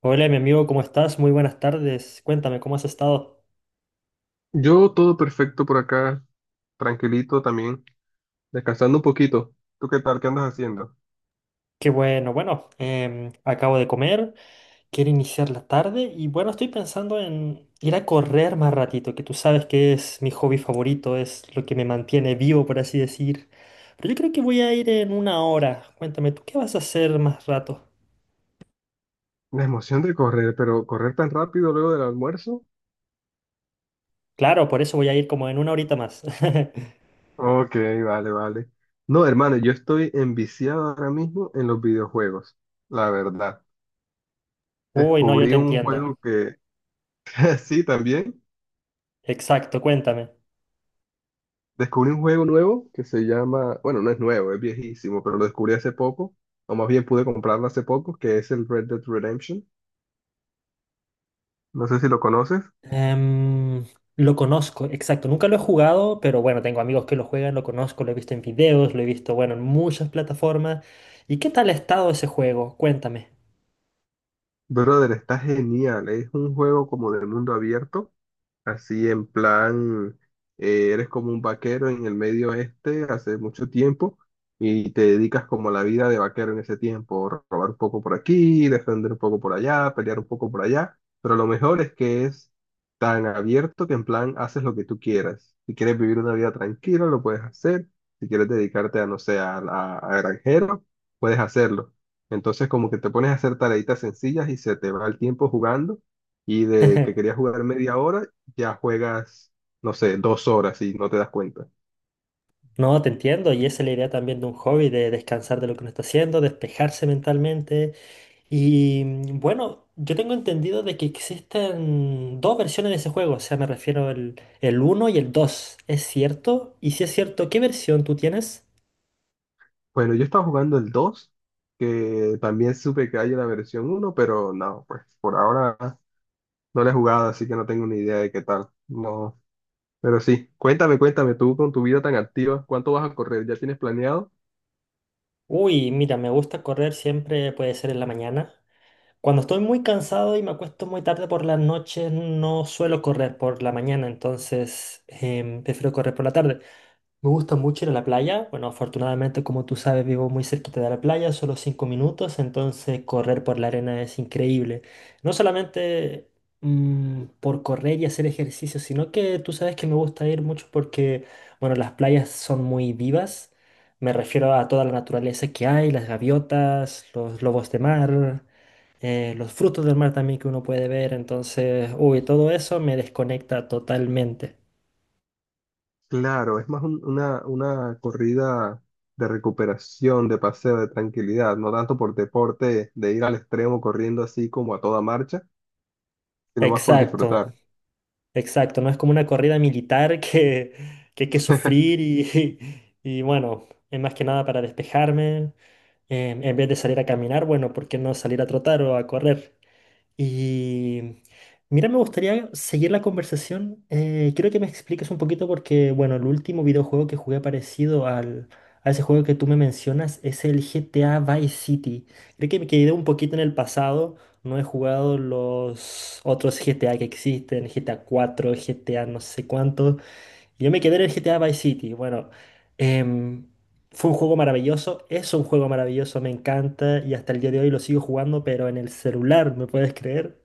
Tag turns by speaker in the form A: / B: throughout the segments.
A: Hola, mi amigo, ¿cómo estás? Muy buenas tardes. Cuéntame, ¿cómo has estado?
B: Yo todo perfecto por acá, tranquilito también, descansando un poquito. ¿Tú qué tal? ¿Qué andas haciendo?
A: Qué bueno, acabo de comer, quiero iniciar la tarde y bueno, estoy pensando en ir a correr más ratito, que tú sabes que es mi hobby favorito, es lo que me mantiene vivo, por así decir. Pero yo creo que voy a ir en una hora. Cuéntame, ¿tú qué vas a hacer más rato?
B: La emoción de correr, pero correr tan rápido luego del almuerzo.
A: Claro, por eso voy a ir como en una horita más.
B: Ok, vale, vale. No, hermano, yo estoy enviciado ahora mismo en los videojuegos, la verdad.
A: Uy, no, yo
B: Descubrí
A: te
B: un
A: entiendo.
B: juego que, sí, también,
A: Exacto, cuéntame.
B: descubrí un juego nuevo que se llama, bueno, no es nuevo, es viejísimo, pero lo descubrí hace poco, o más bien pude comprarlo hace poco, que es el Red Dead Redemption. No sé si lo conoces.
A: Em, lo conozco, exacto. Nunca lo he jugado, pero bueno, tengo amigos que lo juegan, lo conozco, lo he visto en videos, lo he visto, bueno, en muchas plataformas. ¿Y qué tal ha estado ese juego? Cuéntame.
B: Brother, está genial. Es un juego como de mundo abierto. Así en plan, eres como un vaquero en el medio oeste hace mucho tiempo y te dedicas como a la vida de vaquero en ese tiempo, robar un poco por aquí, defender un poco por allá, pelear un poco por allá, pero lo mejor es que es tan abierto que en plan haces lo que tú quieras. Si quieres vivir una vida tranquila, lo puedes hacer. Si quieres dedicarte a, no sé, a granjero, puedes hacerlo. Entonces como que te pones a hacer tareitas sencillas y se te va el tiempo jugando y de que querías jugar media hora ya juegas, no sé, dos horas y no te das cuenta.
A: No, te entiendo, y esa es la idea también de un hobby, de descansar de lo que uno está haciendo, despejarse mentalmente. Y bueno, yo tengo entendido de que existen dos versiones de ese juego, o sea, me refiero al el uno y el dos. ¿Es cierto? Y si es cierto, ¿qué versión tú tienes?
B: Bueno, yo estaba jugando el 2 que también supe que hay una versión uno, pero no, pues por ahora no la he jugado, así que no tengo ni idea de qué tal. No, pero sí, cuéntame, cuéntame tú con tu vida tan activa, ¿cuánto vas a correr? ¿Ya tienes planeado?
A: Uy, mira, me gusta correr siempre, puede ser en la mañana. Cuando estoy muy cansado y me acuesto muy tarde por las noches, no suelo correr por la mañana, entonces prefiero correr por la tarde. Me gusta mucho ir a la playa. Bueno, afortunadamente, como tú sabes, vivo muy cerquita de la playa, solo 5 minutos, entonces correr por la arena es increíble. No solamente por correr y hacer ejercicio, sino que tú sabes que me gusta ir mucho porque, bueno, las playas son muy vivas. Me refiero a toda la naturaleza que hay, las gaviotas, los lobos de mar, los frutos del mar también que uno puede ver. Entonces, uy, todo eso me desconecta totalmente.
B: Claro, es más una corrida de recuperación, de paseo, de tranquilidad, no tanto por deporte, de ir al extremo corriendo así como a toda marcha, sino más por
A: Exacto.
B: disfrutar.
A: Exacto, no es como una corrida militar que hay que sufrir y, y bueno, es más que nada para despejarme. Em, en vez de salir a caminar, bueno, ¿por qué no salir a trotar o a correr? Y mira, me gustaría seguir la conversación. Quiero que me expliques un poquito porque, bueno, el último videojuego que jugué parecido a ese juego que tú me mencionas es el GTA Vice City. Creo que me quedé un poquito en el pasado. No he jugado los otros GTA que existen, GTA 4, GTA no sé cuánto. Yo me quedé en el GTA Vice City. Bueno, em, fue un juego maravilloso, es un juego maravilloso, me encanta y hasta el día de hoy lo sigo jugando, pero en el celular, ¿me puedes creer?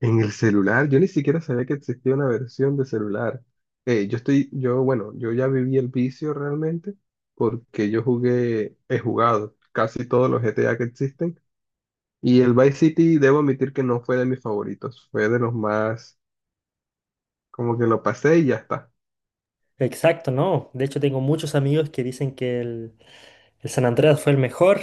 B: En el celular, yo ni siquiera sabía que existía una versión de celular. Bueno, yo ya viví el vicio realmente porque he jugado casi todos los G T A que existen y el Vice City debo admitir que no fue de mis favoritos, fue de los más, como que lo pasé y ya está.
A: Exacto, no. De hecho, tengo muchos amigos que dicen que el San Andreas fue el mejor.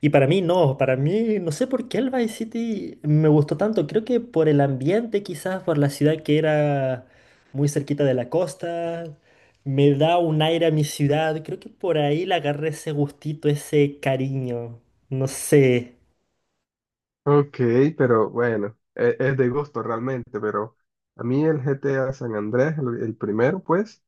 A: Y para mí no sé por qué el Vice City me gustó tanto. Creo que por el ambiente, quizás por la ciudad que era muy cerquita de la costa, me da un aire a mi ciudad. Creo que por ahí le agarré ese gustito, ese cariño. No sé,
B: Ok, pero bueno, de gusto realmente, pero a mí el G T A San Andrés, el primero, pues,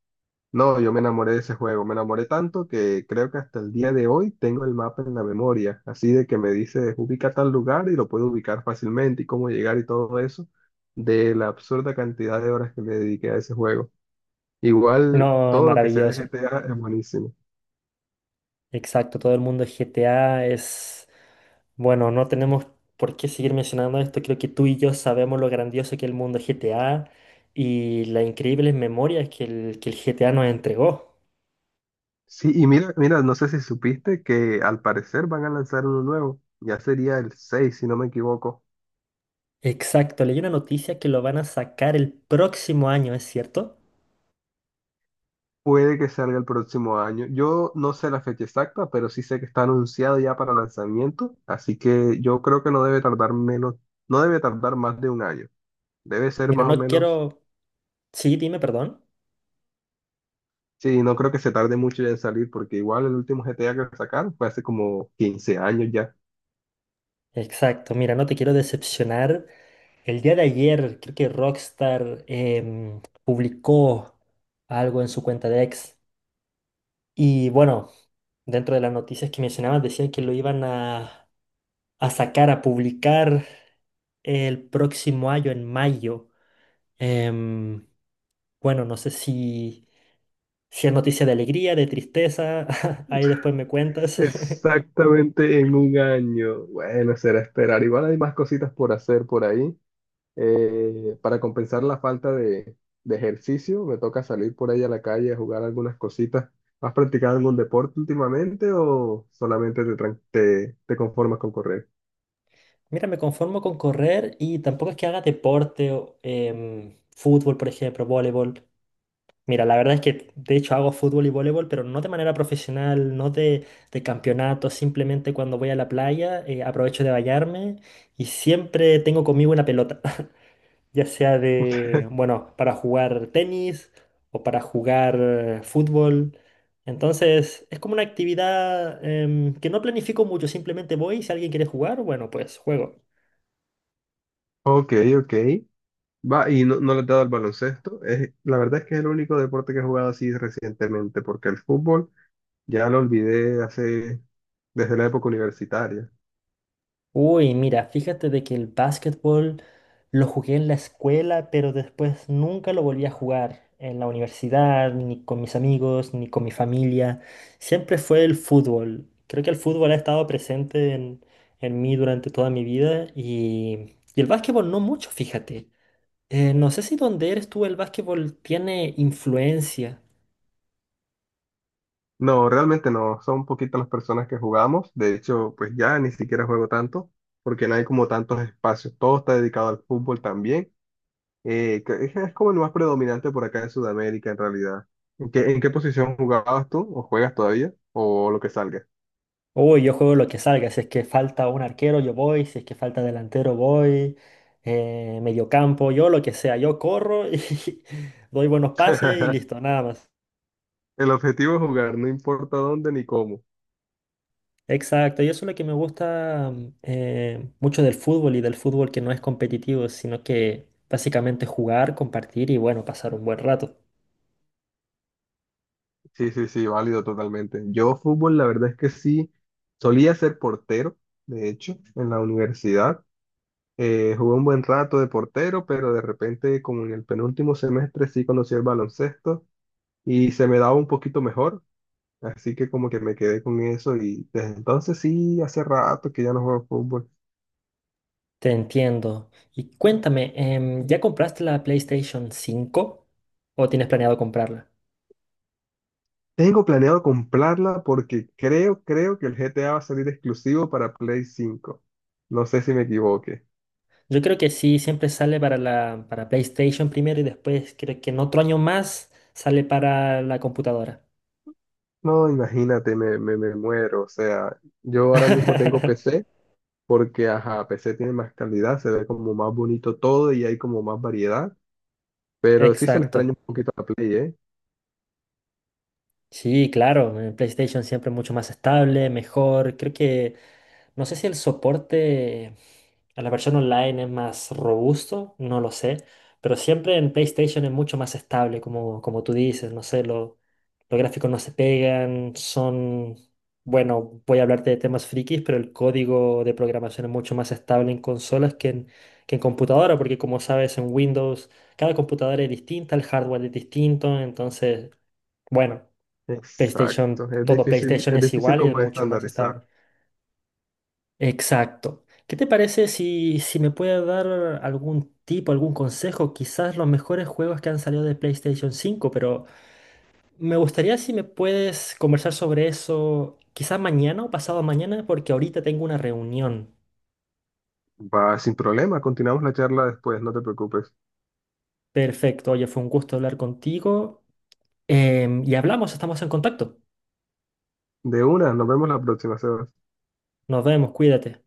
B: no, yo me enamoré de ese juego, me enamoré tanto que creo que hasta el día de hoy tengo el mapa en la memoria, así de que me dice ubica tal lugar y lo puedo ubicar fácilmente y cómo llegar y todo eso, de la absurda cantidad de horas que le dediqué a ese juego. Igual
A: no, es
B: todo lo que sea de
A: maravilloso.
B: GTA es buenísimo.
A: Exacto, todo el mundo es GTA es... Bueno, no tenemos por qué seguir mencionando esto, creo que tú y yo sabemos lo grandioso que es el mundo GTA y las increíbles memorias que el GTA nos entregó.
B: Sí, y mira, mira, no sé si supiste que al parecer van a lanzar uno nuevo, ya sería el 6, si no me equivoco.
A: Exacto, leí una noticia que lo van a sacar el próximo año, ¿es cierto?
B: Puede que salga el próximo año. Yo no sé la fecha exacta, pero sí sé que está anunciado ya para lanzamiento, así que yo creo que no debe tardar menos, no debe tardar más de un año. Debe ser
A: Mira,
B: más o
A: no
B: menos,
A: quiero... Sí, dime, perdón.
B: sí, no creo que se tarde mucho ya en salir, porque igual el último GTA que sacaron fue hace como 15 años ya.
A: Exacto, mira, no te quiero decepcionar. El día de ayer creo que Rockstar publicó algo en su cuenta de X. Y bueno, dentro de las noticias que mencionabas, decían que lo iban a sacar, a publicar el próximo año, en mayo. Em, bueno, no sé si, si es noticia de alegría, de tristeza, ahí después me cuentas.
B: Exactamente en un año. Bueno, será esperar. Igual hay más cositas por hacer por ahí. Para compensar la falta de ejercicio, me toca salir por ahí a la calle a jugar algunas cositas. ¿Has practicado algún deporte últimamente o solamente te conformas con correr?
A: Mira, me conformo con correr y tampoco es que haga deporte, o fútbol, por ejemplo, voleibol. Mira, la verdad es que de hecho hago fútbol y voleibol, pero no de manera profesional, no de, de campeonato, simplemente cuando voy a la playa aprovecho de bañarme y siempre tengo conmigo una pelota, ya sea de, bueno, para jugar tenis o para jugar fútbol. Entonces es como una actividad que no planifico mucho, simplemente voy, si alguien quiere jugar, bueno, pues juego.
B: Ok, ok. Va, y no, no le he dado al baloncesto. Es, la verdad es que es el único deporte que he jugado así recientemente, porque el fútbol ya lo olvidé hace, desde la época universitaria.
A: Uy, mira, fíjate de que el básquetbol lo jugué en la escuela, pero después nunca lo volví a jugar en la universidad, ni con mis amigos, ni con mi familia. Siempre fue el fútbol. Creo que el fútbol ha estado presente en mí durante toda mi vida y el básquetbol no mucho, fíjate. No sé si donde eres tú el básquetbol tiene influencia.
B: No, realmente no. Son poquitas las personas que jugamos. De hecho, pues ya ni siquiera juego tanto, porque no hay como tantos espacios. Todo está dedicado al fútbol también. Que es como el más predominante por acá en Sudamérica, en realidad. En qué posición jugabas tú? ¿O juegas todavía? ¿O lo que salga?
A: Uy, yo juego lo que salga. Si es que falta un arquero, yo voy. Si es que falta delantero, voy. Mediocampo, yo lo que sea. Yo corro y doy buenos pases y listo, nada más.
B: El objetivo es jugar, no importa dónde ni cómo.
A: Exacto, y eso es lo que me gusta mucho del fútbol y del fútbol que no es competitivo, sino que básicamente jugar, compartir y bueno, pasar un buen rato.
B: Sí, sí, sí, válido totalmente. Yo fútbol, la verdad es que sí, solía ser portero, de hecho, en la universidad. Jugué un buen rato de portero, pero de repente, como en el penúltimo semestre, sí conocí el baloncesto y se me daba un poquito mejor. Así que como que me quedé con eso y desde entonces sí, hace rato que ya no juego fútbol.
A: Te entiendo. Y cuéntame, ¿ya compraste la PlayStation 5 o tienes planeado comprarla?
B: Tengo planeado comprarla porque creo que el GTA va a salir exclusivo para Play 5. No sé si me equivoque.
A: Yo creo que sí, siempre sale para para PlayStation primero y después creo que en otro año más sale para la computadora.
B: No, imagínate, me muero. O sea, yo ahora mismo tengo PC porque, ajá, PC tiene más calidad, se ve como más bonito todo y hay como más variedad. Pero sí se le
A: Exacto.
B: extraña un poquito a la Play, ¿eh?
A: Sí, claro, en PlayStation siempre mucho más estable, mejor. Creo que, no sé si el soporte a la versión online es más robusto, no lo sé, pero siempre en PlayStation es mucho más estable, como, como tú dices, no sé, lo- los gráficos no se pegan, son, bueno, voy a hablarte de temas frikis, pero el código de programación es mucho más estable en consolas que en computadora, porque como sabes, en Windows cada computadora es distinta, el hardware es distinto, entonces, bueno. PlayStation,
B: Exacto.
A: todo PlayStation
B: Es
A: es
B: difícil
A: igual y es
B: como
A: mucho más estable.
B: estandarizar.
A: Exacto. ¿Qué te parece si, si me puedes dar algún tipo, algún consejo? Quizás los mejores juegos que han salido de PlayStation 5, pero me gustaría si me puedes conversar sobre eso quizás mañana o pasado mañana, porque ahorita tengo una reunión.
B: Va, sin problema. Continuamos la charla después, no te preocupes.
A: Perfecto, oye, fue un gusto hablar contigo. Y hablamos, estamos en contacto.
B: De una, nos vemos la próxima, Sebas.
A: Nos vemos, cuídate.